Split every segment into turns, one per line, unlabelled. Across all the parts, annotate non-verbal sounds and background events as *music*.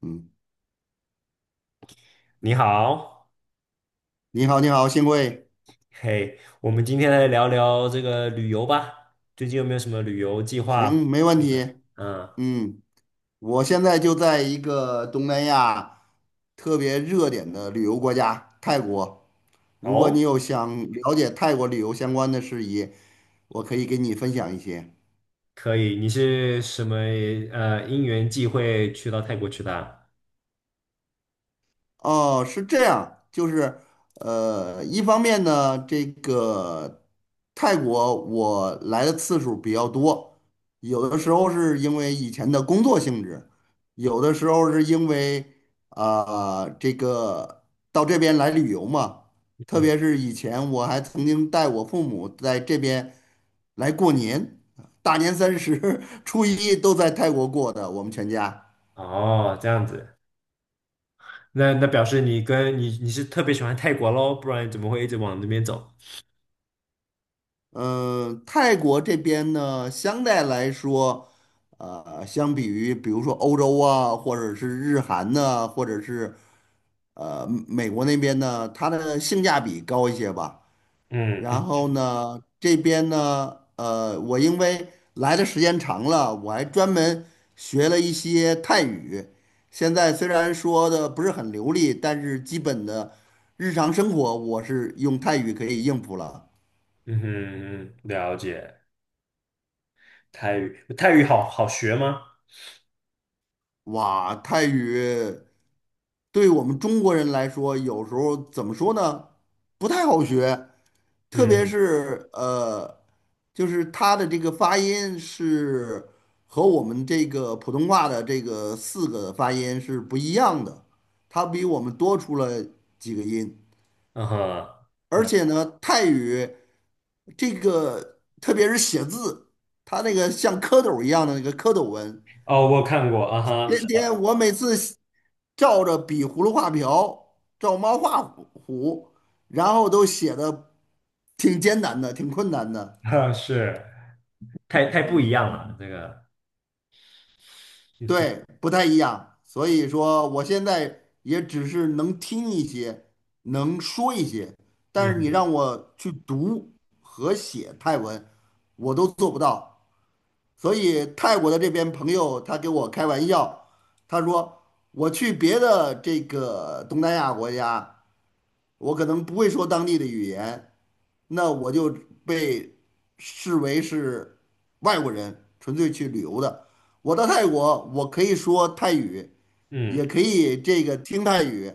嗯，
你好。
你好，你好，幸会，
嘿，我们今天来聊聊这个旅游吧。最近有没有什么旅游计划？
行，没问题。
嗯。
嗯，我现在就在一个东南亚特别热点的旅游国家泰国。如果你
哦，
有想了解泰国旅游相关的事宜，我可以给你分享一些。
可以。你是什么因缘际会去到泰国去的啊。
哦，是这样，就是一方面呢，这个泰国我来的次数比较多，有的时候是因为以前的工作性质，有的时候是因为这个到这边来旅游嘛，特
嗯。
别是以前我还曾经带我父母在这边来过年，大年三十、*laughs* 初一都在泰国过的，我们全家。
哦，这样子。那表示你跟你是特别喜欢泰国喽，不然你怎么会一直往那边走？
泰国这边呢，相对来说，相比于比如说欧洲啊，或者是日韩呢，或者是美国那边呢，它的性价比高一些吧。
嗯
然
嗯。
后呢，这边呢，我因为来的时间长了，我还专门学了一些泰语。现在虽然说的不是很流利，但是基本的日常生活我是用泰语可以应付了。
嗯哼，了解。泰语，泰语好好学吗？
哇，泰语。对我们中国人来说，有时候怎么说呢，不太好学，特别
嗯。
是就是它的这个发音是和我们这个普通话的这个四个发音是不一样的，它比我们多出了几个音，
嗯哼。
而
嗯。
且呢，泰语这个特别是写字，它那个像蝌蚪一样的那个蝌蚪文。
哦，我看过啊哈，
天
是的。
天我每次照着比葫芦画瓢，照猫画虎，然后都写的挺艰难的，挺困难的。
*laughs* 啊是。太不一
嗯，
样了，这个。
对，
*laughs*
不太一样。所以说，我现在也只是能听一些，能说一些，
嗯
但是你
哼。
让我去读和写泰文，我都做不到。所以泰国的这边朋友他给我开玩笑，他说我去别的这个东南亚国家。我可能不会说当地的语言，那我就被视为是外国人，纯粹去旅游的。我到泰国，我可以说泰语，也
嗯
可以这个听泰语，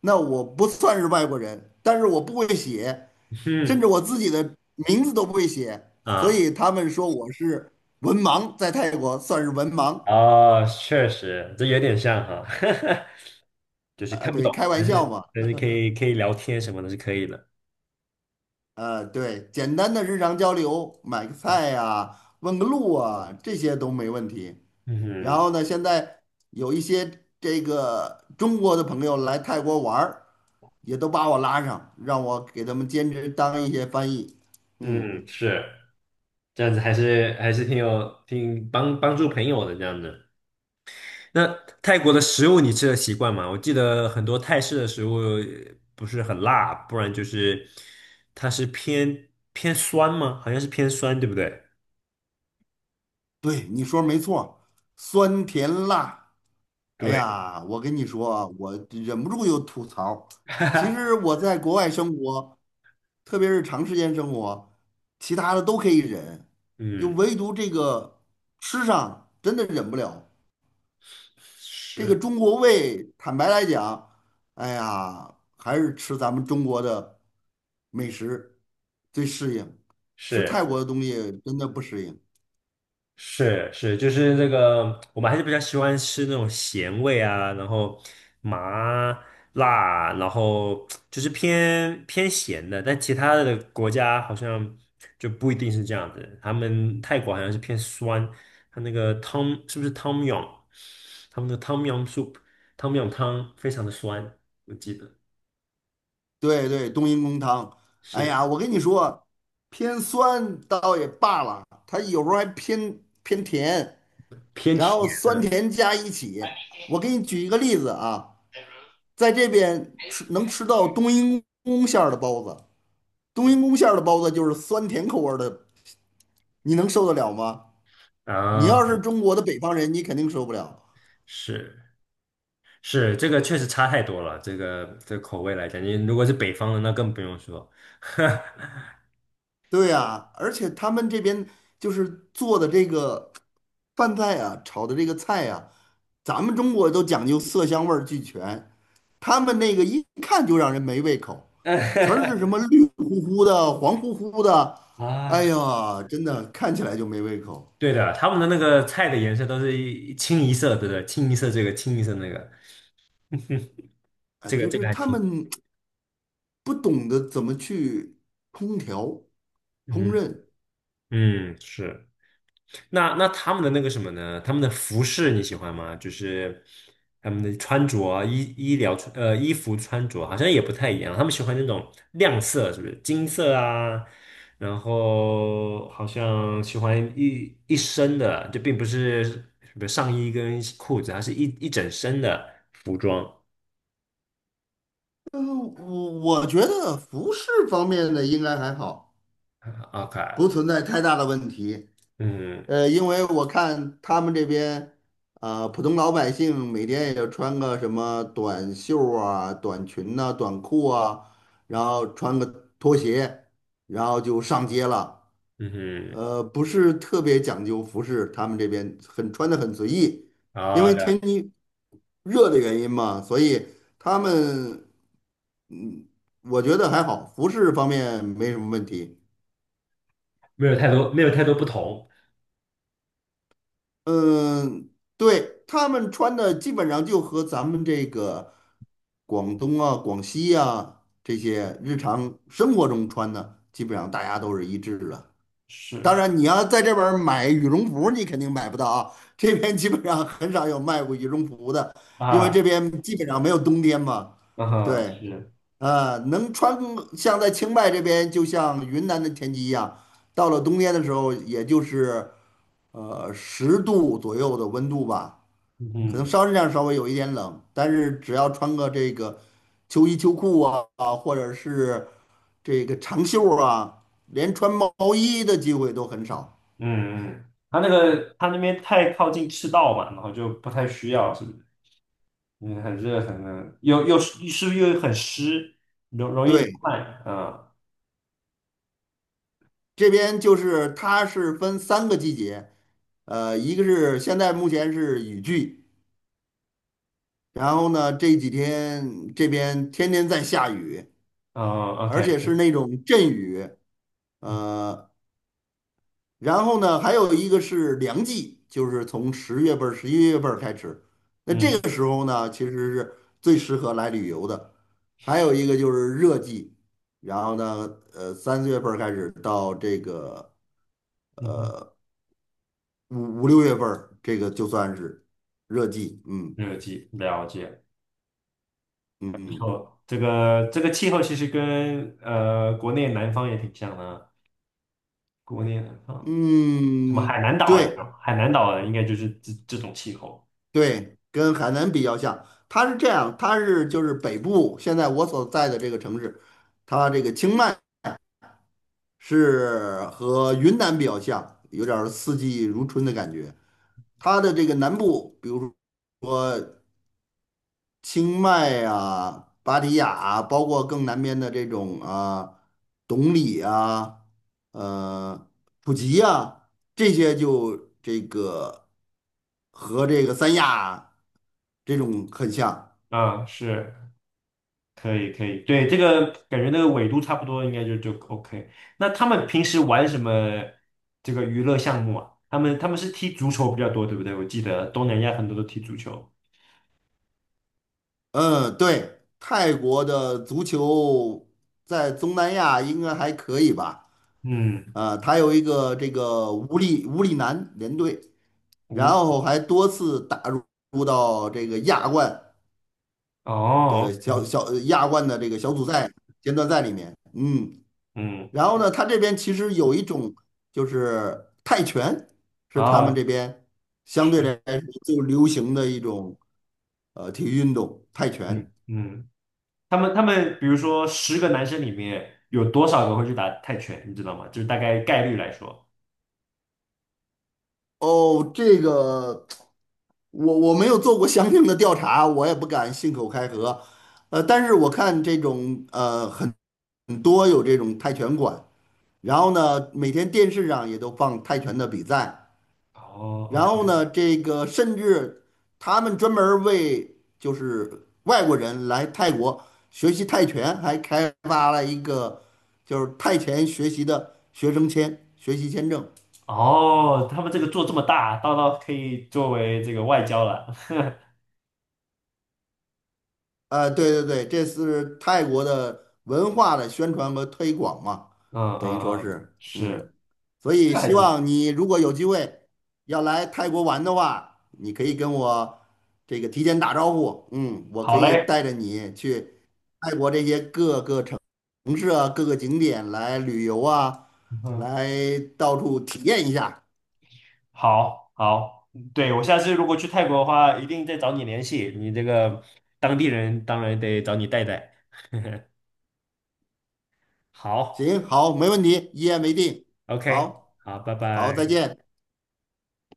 那我不算是外国人，但是我不会写，
哼。
甚至我自己的名字都不会写，所
啊。
以他们说我是文盲，在泰国算是文盲，
哦，确实，这有点像哈。*laughs* 就是
啊，
看不
对，
懂，
开玩
但
笑
是
嘛。
但是可以聊天什么的是可以的。
对，简单的日常交流，买个菜呀、问个路啊，这些都没问题。
嗯
然
哼。
后呢，现在有一些这个中国的朋友来泰国玩儿，也都把我拉上，让我给他们兼职当一些翻译。嗯，
嗯，是这样子，还是挺帮助朋友的这样子。那泰国的食物你吃的习惯吗？我记得很多泰式的食物不是很辣，不然就是它是偏酸吗？好像是偏酸，对不对？
对，你说没错，酸甜辣。哎
对。
呀，我跟你说啊我忍不住又吐槽。其实
*laughs*
我在国外生活。特别是长时间生活，其他的都可以忍，就
嗯，
唯独这个吃上真的忍不了。这个
是。
中国胃，坦白来讲，哎呀，还是吃咱们中国的美食最适应，吃泰
是
国的东西真的不适应。
是是，就是这个，我们还是比较喜欢吃那种咸味啊，然后麻辣，然后就是偏咸的，但其他的国家好像就不一定是这样子。他们泰国好像是偏酸，他那个汤是不是汤姆 m， 他们的汤姆 m soup， 汤姆 m 汤非常的酸，我记得。
对对，冬阴功汤，哎
是
呀，我跟你说，偏酸倒也罢了，它有时候还偏偏甜，
偏
然后
甜
酸
的。
甜加一起。我给你举一个例子啊。在这边吃能吃到冬阴功馅儿的包子，冬阴功馅儿的包子就是酸甜口味儿的，你能受得了吗？你
啊，
要是中国的北方人，你肯定受不了。
是。是这个确实差太多了，这个口味来讲，你如果是北方的，那更不用说。*laughs*
对呀，而且他们这边就是做的这个饭菜啊，炒的这个菜啊，咱们中国都讲究色香味儿俱全，他们那个一看就让人没胃口，全是什么绿乎乎的、黄乎乎的，
啊，
哎呀，真的看起来就没胃口。
对的，他们的那个菜的颜色都是一清一色，对不对？清一色这个，清一色那个。*laughs*
啊，
这个
就
这
是
个还
他
挺。
们不懂得怎么去烹调、烹
嗯
饪。
嗯是。那他们的那个什么呢？他们的服饰你喜欢吗？就是他们的穿着啊衣服穿着好像也不太一样，他们喜欢那种亮色，是不是金色啊？然后好像喜欢一身的，就并不是什么上衣跟裤子，它是一整身的服装。
嗯，我觉得服饰方面的应该还好，
啊 OK。
不存在太大的问题。
嗯。
因为我看他们这边，普通老百姓每天也就穿个什么短袖啊、短裙呐、短裤啊，然后穿个拖鞋，然后就上街了。
嗯
不是特别讲究服饰，他们这边很穿的很随意，
哼。
因
啊。
为
了。
天气热的原因嘛，所以他们，嗯，我觉得还好，服饰方面没什么问题。
没有太多不同。
嗯，对，他们穿的基本上就和咱们这个广东啊、广西啊这些日常生活中穿的，基本上大家都是一致的。当
是
然，你要在这边儿买羽绒服，你肯定买不到啊。这边基本上很少有卖过羽绒服的，因为
啊。
这边基本上没有冬天嘛。
啊哈，
对，
是。
能穿像在清迈这边，就像云南的天气一样，到了冬天的时候，也就是10度左右的温度吧，
嗯
可能
哼。
稍微有一点冷，但是只要穿个这个秋衣秋裤啊，或者是这个长袖儿啊，连穿毛衣的机会都很少。
嗯嗯，他那个他那边太靠近赤道嘛，然后就不太需要，是不是？嗯，很热，很热，又又是是不是又很湿，容易流
对，
汗？嗯。
这边就是它是分三个季节，一个是现在目前是雨季，然后呢这几天这边天天在下雨，
嗯
而
，OK。
且是那种阵雨，
嗯
呃，然后呢还有一个是凉季，就是从10月份儿、11月份儿开始，那这
嗯
个时候呢其实是最适合来旅游的，还有一个就是热季，然后呢，三四月份儿开始到这个
嗯。
五六月份儿，这个就算是热季。嗯
嗯。热季了解，
嗯
不
嗯
错。这个气候其实跟国内南方也挺像的啊，国内南方什么海
嗯，
南岛有没有
对
海南岛啊，应该就是这种气候。
对，跟海南比较像。它是这样，就是北部，现在我所在的这个城市，它这个清迈是和云南比较像，有点儿四季如春的感觉。它的这个南部，比如说，清迈啊、芭提雅啊包括更南边的这种啊，董里啊、呃普吉啊，这些就这个和这个三亚啊这种很像。
啊，是。可以可以，对，这个感觉那个纬度差不多，应该就 OK。那他们平时玩什么这个娱乐项目啊？他们是踢足球比较多，对不对？我记得东南亚很多都踢足球。
嗯，对，泰国的足球在东南亚应该还可以吧？
嗯。
啊，他有一个这个无力无力男联队，然
无
后还多次打入到这个亚冠
哦
的
，OK。
小小亚冠的这个小组赛、阶段赛里面，
嗯。
然后呢，他这边其实有一种就是泰拳，是他们
啊，
这边相对来
是。
说最流行的一种体育运动，泰拳。
嗯嗯，他们比如说10个男生里面有多少个会去打泰拳，你知道吗？就是大概概率来说。
哦，这个我没有做过相应的调查，我也不敢信口开河，但是我看这种很多有这种泰拳馆，然后呢，每天电视上也都放泰拳的比赛。
哦
然
，OK。
后呢，这个甚至他们专门儿为就是外国人来泰国学习泰拳，还开发了一个就是泰拳学习的学生签、学习签证。
哦，他们这个做这么大，到可以作为这个外交了。*laughs*
对对对，这是泰国的文化的宣传和推广嘛，
嗯
等于说
嗯嗯，
是，嗯，
是。
所
这
以
个还
希
挺。
望你如果有机会要来泰国玩的话，你可以跟我这个提前打招呼，我可
好
以
嘞。
带着你去泰国这些各个城市啊、各个景点来旅游啊，
嗯，
来到处体验一下。
好，好，嗯对，我下次如果去泰国的话，一定再找你联系。你这个当地人当然得找你带带。好
行，好，没问题，一言为定。
，OK，
好，
好，拜
好，再
拜。
见。